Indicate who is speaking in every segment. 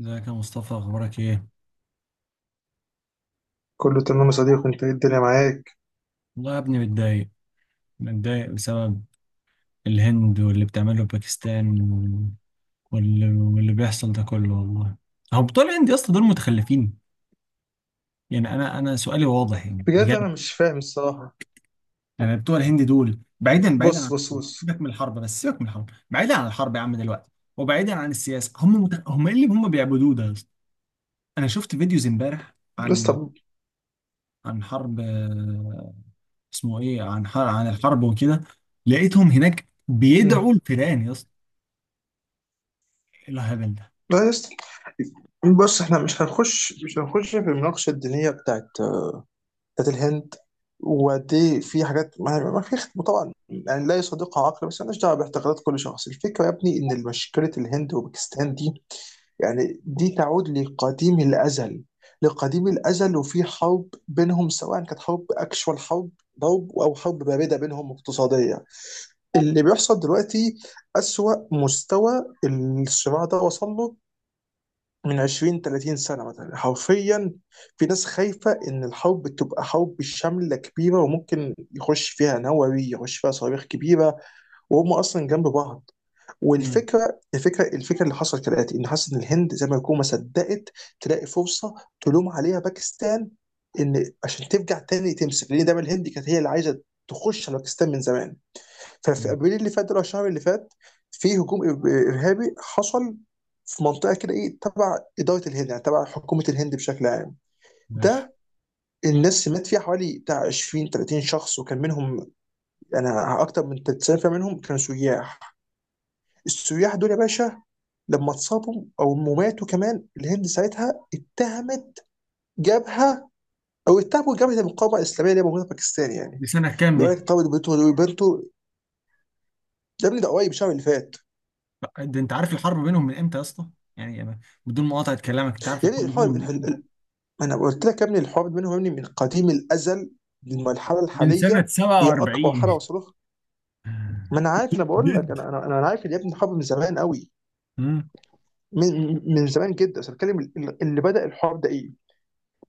Speaker 1: ازيك يا مصطفى؟ اخبارك ايه؟
Speaker 2: كله تمام يا صديقي, انت ايه الدنيا معاك؟
Speaker 1: والله يا ابني متضايق. متضايق بسبب الهند واللي بتعمله باكستان واللي بيحصل ده كله والله. هو بتوع الهند يا اسطى دول متخلفين. يعني انا سؤالي واضح يعني
Speaker 2: بجد انا
Speaker 1: بجد.
Speaker 2: مش فاهم الصراحه.
Speaker 1: يعني بتوع الهند دول بعيدا عن،
Speaker 2: بص بص بص.
Speaker 1: سيبك من الحرب، بس سيبك من الحرب، بعيدا عن الحرب يا عم دلوقتي، وبعيدا عن السياسه. هم ايه اللي هم بيعبدوه ده يا اسطى؟ انا شفت فيديوز امبارح
Speaker 2: بس
Speaker 1: عن،
Speaker 2: طب.
Speaker 1: عن حرب، اسمه ايه، عن الحرب وكده. لقيتهم هناك
Speaker 2: مم.
Speaker 1: بيدعوا الفيران يا اسطى. ايه الهبل ده؟
Speaker 2: لا يا اسطى. بص احنا مش هنخش في المناقشه الدينيه بتاعت الهند. وقد ايه في حاجات ما في طبعا, يعني لا يصدقها عقل, بس مالناش دعوه باعتقادات كل شخص. الفكره يا ابني ان مشكله الهند وباكستان دي يعني دي تعود لقديم الأزل. لقديم الأزل, وفي حرب بينهم سواء كانت حرب أكشوال, حرب ضرب أو حرب باردة بينهم اقتصادية. اللي بيحصل دلوقتي أسوأ مستوى الصراع ده وصل له من 20 30 سنة مثلا, حرفيا. في ناس خايفة إن الحرب تبقى حرب شاملة كبيرة, وممكن يخش فيها نووي, يخش فيها صواريخ كبيرة, وهم أصلا جنب بعض.
Speaker 1: مم.
Speaker 2: والفكره الفكره الفكره اللي حصلت كالاتي, ان حاسس ان الهند زي ما يكون ما صدقت تلاقي فرصه تلوم عليها باكستان, ان عشان ترجع تاني تمسك, لان دايما الهند كانت هي اللي عايزه تخش على باكستان من زمان. ففي
Speaker 1: مم.
Speaker 2: ابريل اللي فات ده, أو الشهر اللي فات, في هجوم ارهابي حصل في منطقه كده ايه تبع اداره الهند, يعني تبع حكومه الهند بشكل عام.
Speaker 1: ماشي.
Speaker 2: ده الناس مات فيها حوالي بتاع 20 30 شخص, وكان منهم انا اكتر من 90% منهم كانوا سياح. السياح دول يا باشا, لما اتصابوا او ماتوا كمان, الهند ساعتها اتهمت جبهه, او اتهموا جبهه المقاومه الاسلاميه اللي هي موجوده في باكستان يعني.
Speaker 1: دي سنة كام
Speaker 2: اللي هو
Speaker 1: دي؟
Speaker 2: لك طب بنته دول بنته يا ابني, ده قريب الشهر اللي فات.
Speaker 1: ده انت عارف الحرب بينهم من امتى يا اسطى؟ يعني أنا، بدون مقاطعة كلامك، انت عارف
Speaker 2: يعني
Speaker 1: الحرب
Speaker 2: الحوار
Speaker 1: بينهم من امتى؟
Speaker 2: انا قلت لك يا ابني الحوار بينهم يا ابني من قديم الازل للمرحله
Speaker 1: من سنة
Speaker 2: الحاليه. هي اكبر حاله
Speaker 1: 47.
Speaker 2: وصلوا لها. ما انا عارف, انا بقول لك,
Speaker 1: جد.
Speaker 2: انا عارف إن يا ابني الحرب من زمان قوي.
Speaker 1: امم
Speaker 2: من زمان جدا, بس بتكلم اللي بدا الحوار ده ايه.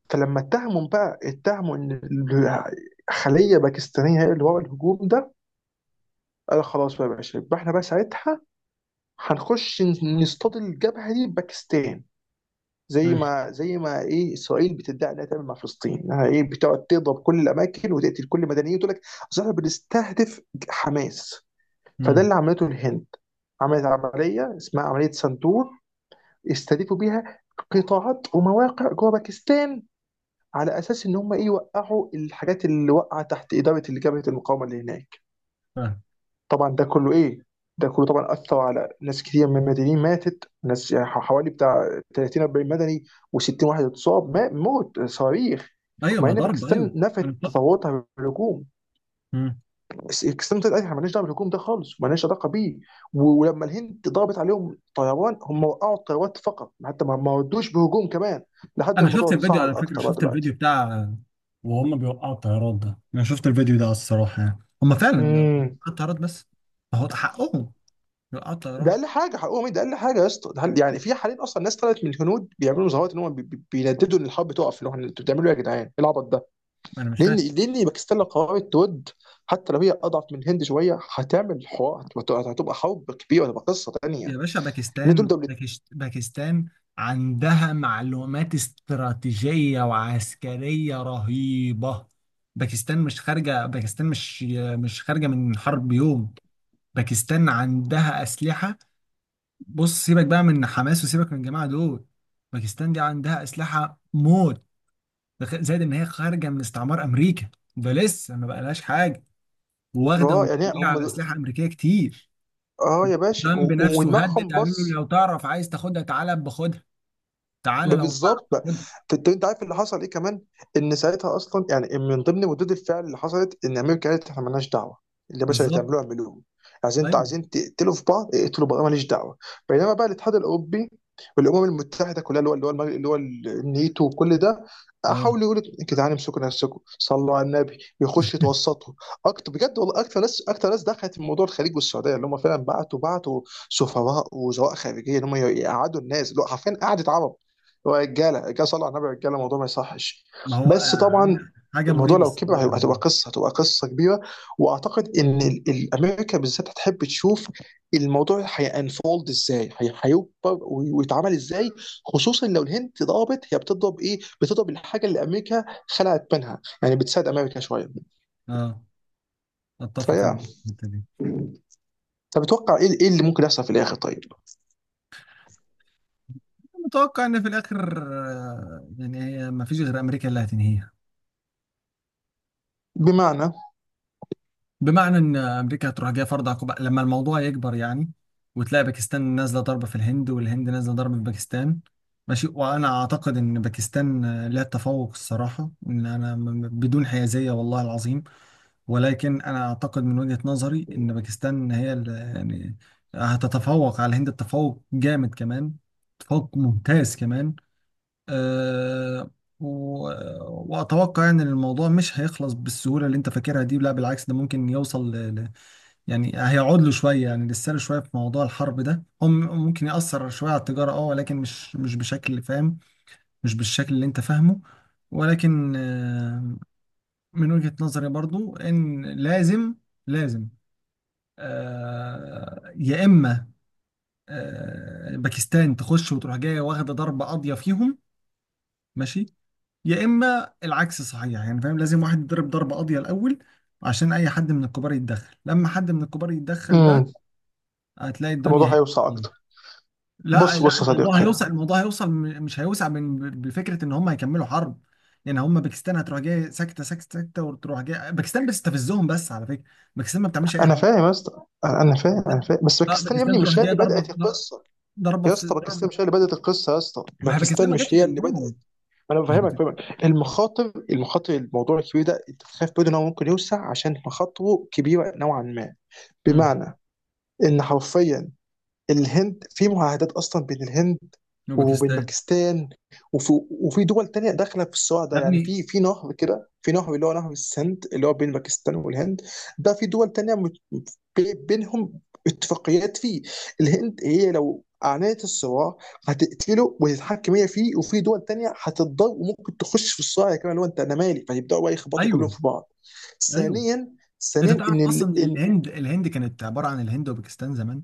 Speaker 2: فلما اتهموا بقى, اتهموا ان خليه باكستانيه هي اللي ورا الهجوم ده. قال خلاص بقى يا باشا, يبقى احنا بقى ساعتها هنخش نصطاد الجبهه دي بباكستان. زي
Speaker 1: أيوة.
Speaker 2: ما زي ما ايه اسرائيل بتدعي انها تعمل مع فلسطين, انها ايه بتقعد تضرب كل الاماكن وتقتل كل المدنيين وتقول لك اصل احنا بنستهدف حماس. فده
Speaker 1: امم
Speaker 2: اللي عملته الهند, عملت عمليه اسمها عمليه سندور, استهدفوا بيها قطاعات ومواقع جوه باكستان على اساس ان هم ايه يوقعوا الحاجات اللي وقعت تحت اداره اللي جبهه المقاومه اللي هناك.
Speaker 1: فاهم.
Speaker 2: طبعا ده كله ايه, ده كله طبعا اثر على ناس كتير من المدنيين, ماتت ناس يعني حوالي بتاع 30 40 مدني, و60 واحد اتصاب موت صواريخ.
Speaker 1: ايوه،
Speaker 2: ومع
Speaker 1: ما
Speaker 2: ان
Speaker 1: ضرب،
Speaker 2: باكستان
Speaker 1: ايوه. انا
Speaker 2: نفت
Speaker 1: فاهم.
Speaker 2: تطوراتها بالهجوم,
Speaker 1: امم
Speaker 2: بس باكستان طلعت قالت احنا مالناش دعوه بالهجوم ده خالص, ومالناش علاقه بيه. ولما الهند ضربت عليهم طيران, هم وقعوا الطيارات فقط, حتى ما ردوش بهجوم كمان, لحد
Speaker 1: انا شفت
Speaker 2: الموضوع
Speaker 1: الفيديو
Speaker 2: تصاعد
Speaker 1: على فكرة،
Speaker 2: اكتر بقى
Speaker 1: شفت الفيديو
Speaker 2: دلوقتي.
Speaker 1: بتاع وهم بيوقعوا الطيارات ده. انا شوفت الفيديو ده على الصراحة، يعني هم فعلا وقعوا
Speaker 2: مم.
Speaker 1: الطيارات، بس هو ده حقهم. العطلة يا
Speaker 2: ده
Speaker 1: رب.
Speaker 2: اقل حاجه حقهم ايه, ده اقل حاجه يا اسطى, يعني في حاليا اصلا ناس طلعت من الهنود بيعملوا مظاهرات ان هم بينددوا ان الحرب تقف, اللي هو انتوا بتعملوا ايه يا جدعان؟ ايه العبط ده؟
Speaker 1: أنا مش
Speaker 2: لان
Speaker 1: فاهم.
Speaker 2: لان باكستان لو قررت تود, حتى لو هي اضعف من الهند شويه هتعمل حوار, هتبقى حرب كبيره, هتبقى قصه
Speaker 1: يا
Speaker 2: تانيه.
Speaker 1: باشا
Speaker 2: ان دول
Speaker 1: باكستان،
Speaker 2: دولتين.
Speaker 1: باكستان عندها معلومات استراتيجية وعسكرية رهيبة. باكستان مش خارجة، باكستان مش، مش خارجة من حرب يوم. باكستان عندها أسلحة. بص سيبك بقى من حماس وسيبك من الجماعة دول. باكستان دي عندها أسلحة موت. زائد إن هي خارجة من استعمار أمريكا. ده لسه ما بقالهاش حاجة. واخدة
Speaker 2: اه, يعني
Speaker 1: ومتكلة على
Speaker 2: هم.
Speaker 1: أسلحة أمريكية كتير.
Speaker 2: اه يا باشا,
Speaker 1: ترامب نفسه هدد،
Speaker 2: ودماغهم
Speaker 1: قالوا له
Speaker 2: بص.
Speaker 1: لو تعرف عايز تاخدها تعالى باخدها، تعالى
Speaker 2: ما
Speaker 1: لو تعرف
Speaker 2: بالظبط بقى.
Speaker 1: تاخدها.
Speaker 2: انت عارف اللي حصل ايه كمان, ان ساعتها اصلا يعني من ضمن ردود الفعل اللي حصلت, ان امريكا قالت احنا مالناش دعوه. اللي يا باشا اللي
Speaker 1: بالظبط.
Speaker 2: تعملوه اعملوه. عايزين, انت
Speaker 1: ايوه.
Speaker 2: عايزين تقتلوا في بعض, اقتلوا بعض, أنا ماليش دعوه. بينما بقى الاتحاد الاوروبي والامم المتحده كلها, اللي هو اللي هو النيتو وكل ده,
Speaker 1: اه.
Speaker 2: حاولوا يقولوا يا جدعان امسكوا نفسكم, صلوا على النبي, يخش يتوسطوا اكتر. بجد والله, اكتر ناس دخلت في موضوع الخليج والسعوديه, اللي هم فعلا بعتوا سفراء وزراء خارجيه, ان هم يقعدوا الناس, اللي هو حرفيا قعدت عرب. هو رجاله صلى على النبي, رجاله الموضوع ما يصحش.
Speaker 1: ما هو
Speaker 2: بس طبعا
Speaker 1: حاجه، حاجة
Speaker 2: الموضوع
Speaker 1: مريبه
Speaker 2: لو كبر
Speaker 1: الصراحه
Speaker 2: هيبقى, هتبقى
Speaker 1: يعني.
Speaker 2: قصه, هتبقى قصه كبيره. واعتقد ان امريكا بالذات هتحب تشوف الموضوع هينفولد ازاي, هيكبر ويتعمل ازاي. خصوصا لو الهند ضربت هي بتضرب ايه, بتضرب الحاجه اللي امريكا خلعت منها, يعني بتساعد امريكا شويه.
Speaker 1: اه، اتفق انا
Speaker 2: فيا
Speaker 1: في الحته دي.
Speaker 2: طب اتوقع ايه اللي ممكن يحصل في الاخر طيب؟
Speaker 1: متوقع ان في الاخر يعني هي ما فيش غير امريكا اللي هتنهيها.
Speaker 2: بمعنى.
Speaker 1: بمعنى ان امريكا هتروح جايه فرض عقوبه لما الموضوع يكبر يعني، وتلاقي باكستان نازله ضربه في الهند، والهند نازله ضربه في باكستان. ماشي. وانا اعتقد ان باكستان لها تفوق الصراحه، ان انا بدون حيازيه والله العظيم. ولكن انا اعتقد من وجهة نظري ان باكستان هي يعني هتتفوق على الهند تفوق جامد كمان، تفوق ممتاز كمان. أه. و... واتوقع يعني ان الموضوع مش هيخلص بالسهوله اللي انت فاكرها دي. لا، بالعكس، ده ممكن يوصل يعني هيقعد له شويه، يعني لسانه شويه في موضوع الحرب ده، هم ممكن ياثر شويه على التجاره، اه، ولكن مش بشكل فاهم، مش بالشكل اللي انت فاهمه. ولكن من وجهة نظري برضو ان لازم، لازم، يا اما باكستان تخش وتروح جايه واخده ضربه قاضيه فيهم، ماشي، يا اما العكس صحيح يعني، فاهم؟ لازم واحد يضرب ضربه قاضيه الاول عشان اي حد من الكبار يتدخل. لما حد من الكبار يتدخل
Speaker 2: امم.
Speaker 1: بقى هتلاقي الدنيا،
Speaker 2: الموضوع هيوسع
Speaker 1: هي.
Speaker 2: اكتر.
Speaker 1: لا
Speaker 2: بص
Speaker 1: لا،
Speaker 2: بص يا
Speaker 1: الموضوع
Speaker 2: صديقي.
Speaker 1: هيوصل، الموضوع هيوصل، مش هيوسع، من بفكره ان هم هيكملوا حرب. يعني هم، باكستان هتروح جايه ساكته ساكته ساكته، وتروح جايه. باكستان بتستفزهم بس على فكره، باكستان ما بتعملش اي
Speaker 2: انا
Speaker 1: حاجه.
Speaker 2: فاهم يا اسطى, أنا فاهم, انا
Speaker 1: باكستان-
Speaker 2: فاهم, بس
Speaker 1: اه
Speaker 2: باكستان يا ابني
Speaker 1: باكستان تروح
Speaker 2: مش هي
Speaker 1: جايه
Speaker 2: اللي بدات
Speaker 1: ضربه،
Speaker 2: القصه.
Speaker 1: ضربه
Speaker 2: يا
Speaker 1: في
Speaker 2: اسطى
Speaker 1: ضربه.
Speaker 2: باكستان مش هي اللي بدات القصه, يا اسطى
Speaker 1: ما هي
Speaker 2: باكستان
Speaker 1: باكستان ما
Speaker 2: مش
Speaker 1: جاتش
Speaker 2: هي اللي
Speaker 1: جنبهم.
Speaker 2: بدات. انا
Speaker 1: ما هي
Speaker 2: بفهمك, فاهمك
Speaker 1: باكستان.
Speaker 2: المخاطر, المخاطر الموضوع الكبير ده, انت تخاف برضه ان هو ممكن يوسع عشان مخاطره كبيره نوعا ما.
Speaker 1: امم
Speaker 2: بمعنى ان حرفيا الهند في معاهدات اصلا بين الهند وبين
Speaker 1: وباكستان
Speaker 2: باكستان. وفي دول تانية داخلة في الصراع ده,
Speaker 1: يا
Speaker 2: يعني
Speaker 1: ابني.
Speaker 2: في نهر كده, في نهر اللي هو نهر السند اللي هو بين باكستان والهند. ده في دول تانية بينهم اتفاقيات فيه. الهند هي لو أعلنت الصراع هتقتله وتتحكم هي فيه, وفي دول تانية هتتضر وممكن تخش في الصراع كمان, اللي هو انت انا مالي, فيبداوا بقى يخبطوا كلهم
Speaker 1: ايوه.
Speaker 2: في بعض.
Speaker 1: ايوه.
Speaker 2: ثانيا,
Speaker 1: انت
Speaker 2: ثانيا, ان
Speaker 1: تعرف اصلا إن
Speaker 2: إن
Speaker 1: الهند، الهند كانت عباره عن الهند وباكستان زمان؟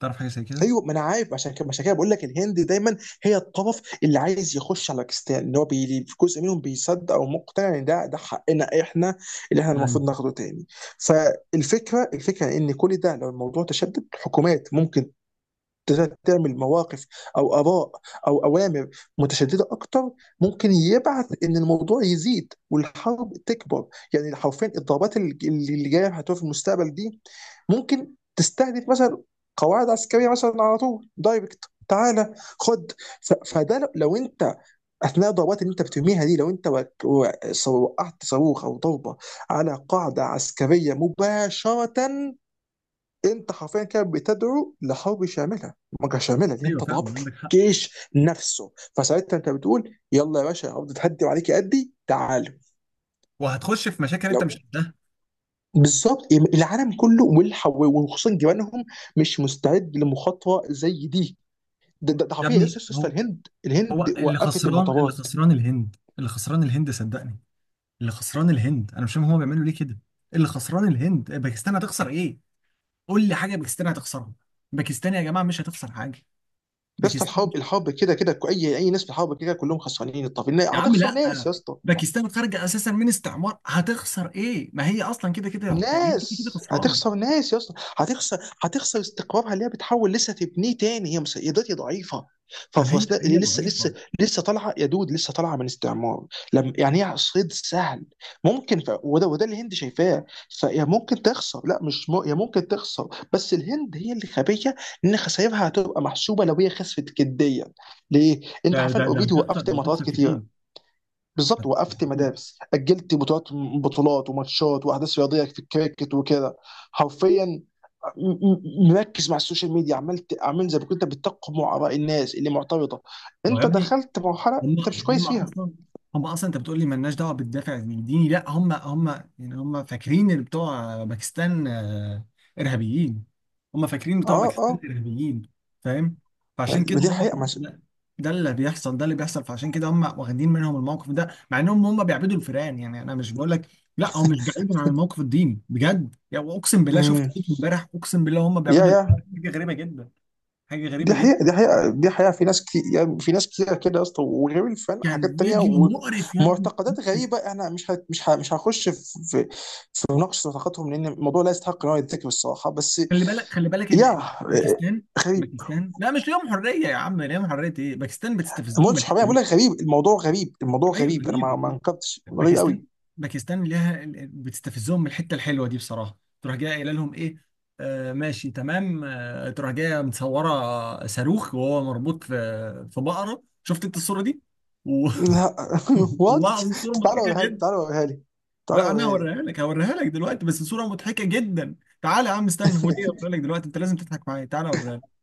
Speaker 1: تعرف حاجه زي كده؟
Speaker 2: ايوه, ما انا عارف, عشان كده, عشان كده, بقول لك الهند دايما هي الطرف اللي عايز يخش على باكستان, اللي هو في جزء منهم بيصدق او مقتنع ان ده حقنا احنا, اللي احنا المفروض
Speaker 1: ايوه.
Speaker 2: ناخده تاني. فالفكره ان كل ده لو الموضوع تشدد, الحكومات ممكن تقدر تعمل مواقف او اراء او اوامر متشدده اكتر, ممكن يبعث ان الموضوع يزيد والحرب تكبر. يعني حرفيا الضربات اللي جايه هتبقى في المستقبل دي, ممكن تستهدف مثلا قواعد عسكريه مثلا على طول دايركت. تعالى خد, فده لو انت, اثناء الضربات اللي انت بترميها دي, لو انت وقعت صاروخ او ضربه على قاعده عسكريه مباشره, انت حرفيا كده بتدعو لحرب شامله, مجر شامله, اللي
Speaker 1: ايوه
Speaker 2: انت
Speaker 1: فعلا
Speaker 2: ضربت
Speaker 1: عندك حق.
Speaker 2: الجيش نفسه, فساعتها انت بتقول يلا يا باشا, ارض تهدي وعليك قدي تعالوا.
Speaker 1: وهتخش في مشاكل انت مش
Speaker 2: لو
Speaker 1: قدها.
Speaker 2: بالظبط العالم كله, وخصوصا جيرانهم مش مستعد لمخاطره زي دي. ده
Speaker 1: يا
Speaker 2: حرفيا يا
Speaker 1: ابني
Speaker 2: اسطى, يا اسطى
Speaker 1: هو،
Speaker 2: الهند
Speaker 1: هو
Speaker 2: الهند
Speaker 1: اللي
Speaker 2: وقفت
Speaker 1: خسران، اللي
Speaker 2: المطارات.
Speaker 1: خسران الهند، اللي خسران الهند صدقني. اللي خسران الهند، انا مش فاهم هما بيعملوا ليه كده. اللي خسران الهند. باكستان هتخسر ايه؟ قول لي حاجه باكستان هتخسرها. باكستان يا جماعه مش هتخسر حاجه.
Speaker 2: يا اسطى
Speaker 1: باكستان
Speaker 2: الحرب, الحرب كده كده اي ناس في الحرب كده كلهم خسرانين, الطرفين
Speaker 1: يا عم
Speaker 2: هتخسر
Speaker 1: لا،
Speaker 2: ناس يا اسطى.
Speaker 1: باكستان خارجه اساسا من استعمار، هتخسر ايه؟ ما هي اصلا كده كده يعني، هي كده كده
Speaker 2: ناس
Speaker 1: خسرانه.
Speaker 2: هتخسر ناس يا اسطى, هتخسر استقرارها اللي هي بتحاول لسه تبنيه تاني, هي هي دلوقتي ضعيفه.
Speaker 1: ما
Speaker 2: ففي
Speaker 1: هي هي
Speaker 2: اللي لسه
Speaker 1: ضعيفه.
Speaker 2: لسه لسه طالعه يا دود, لسه طالعه من استعمار, لما يعني هي صيد سهل. ممكن وده اللي الهند شايفاه. فهي ممكن تخسر, لا مش هي ممكن تخسر, بس الهند هي اللي خبيه ان خسائرها هتبقى محسوبه لو هي خسفت جديا. ليه؟
Speaker 1: ده
Speaker 2: انت حرفيا
Speaker 1: ده ده
Speaker 2: اوريدي
Speaker 1: هتخسر،
Speaker 2: وقفت
Speaker 1: هتخسر
Speaker 2: مطارات كتير.
Speaker 1: كتير.
Speaker 2: بالظبط,
Speaker 1: هتخسر
Speaker 2: وقفت
Speaker 1: كتير.
Speaker 2: مدارس, اجلت بطولات, بطولات وماتشات واحداث رياضيه في الكريكت وكده. حرفيا مركز مع السوشيال ميديا, عملت زي ما كنت بتقمع اراء الناس اللي معترضه,
Speaker 1: ما هو يا
Speaker 2: انت
Speaker 1: ابني،
Speaker 2: دخلت مرحله
Speaker 1: هم،
Speaker 2: انت مش كويس
Speaker 1: هم
Speaker 2: فيها.
Speaker 1: اصلا، هم اصلا، انت بتقول لي مالناش دعوه بالدافع الديني، لا هم، هم، يعني هم فاكرين اللي بتوع باكستان ارهابيين. هم فاكرين بتوع
Speaker 2: اه اه.
Speaker 1: باكستان ارهابيين، فاهم؟ فعشان
Speaker 2: ما
Speaker 1: كده
Speaker 2: دي
Speaker 1: هو
Speaker 2: حقيقه مش...
Speaker 1: ده, ده اللي بيحصل، ده اللي بيحصل، فعشان كده هم واخدين منهم الموقف ده، مع انهم هم بيعبدوا الفئران. يعني انا مش بقول لك، لا هو مش بعيد عن الموقف الديني بجد، يعني اقسم بالله شفت
Speaker 2: مم.
Speaker 1: فيديو امبارح اقسم بالله هم
Speaker 2: يا
Speaker 1: بيعبدوا
Speaker 2: يا
Speaker 1: الفئران. حاجه غريبه جدا، حاجه
Speaker 2: دي
Speaker 1: غريبه جدا.
Speaker 2: حقيقه, دي حقيقه, دي حقيقه في ناس كتير, يعني في ناس كتير كده يا اسطى, وغير الفن
Speaker 1: كان
Speaker 2: حاجات تانية
Speaker 1: فيديو مقرف يا ابني.
Speaker 2: ومعتقدات غريبه, احنا مش هخش في في, في مناقشه معتقداتهم, لان الموضوع لا يستحق ان هو يتذكر الصراحه بس.
Speaker 1: خلي بالك، خلي بالك
Speaker 2: يا
Speaker 1: باكستان،
Speaker 2: غريب,
Speaker 1: باكستان، لا مش ليهم حريه يا عم، ليهم حريه ايه، باكستان
Speaker 2: ما
Speaker 1: بتستفزهم من
Speaker 2: قلتش حرامية,
Speaker 1: الحته
Speaker 2: بقول
Speaker 1: دي.
Speaker 2: لك غريب الموضوع, غريب الموضوع
Speaker 1: ايوه
Speaker 2: غريب, انا ما
Speaker 1: غريب.
Speaker 2: ما انكرتش, غريب
Speaker 1: باكستان،
Speaker 2: قوي.
Speaker 1: باكستان ليها بتستفزهم من الحته الحلوه دي بصراحه. تروح جايه قايله لهم ايه؟ آه ماشي تمام، آه تروح جايه متصوره صاروخ وهو مربوط في، في بقره، شفت انت الصوره دي؟ و-
Speaker 2: لا
Speaker 1: والله
Speaker 2: وات.
Speaker 1: العظيم صوره
Speaker 2: تعالى
Speaker 1: مضحكه
Speaker 2: وريها لي,
Speaker 1: جدا.
Speaker 2: تعالى وريها لي, تعالى
Speaker 1: بقى انا
Speaker 2: وريها لي.
Speaker 1: هوريها لك، هوريها لك دلوقتي، بس صوره مضحكه جدا. تعالى يا عم استنى، هو ليه هوريها لك دلوقتي، انت لازم تضحك معايا، تعالى اوريها.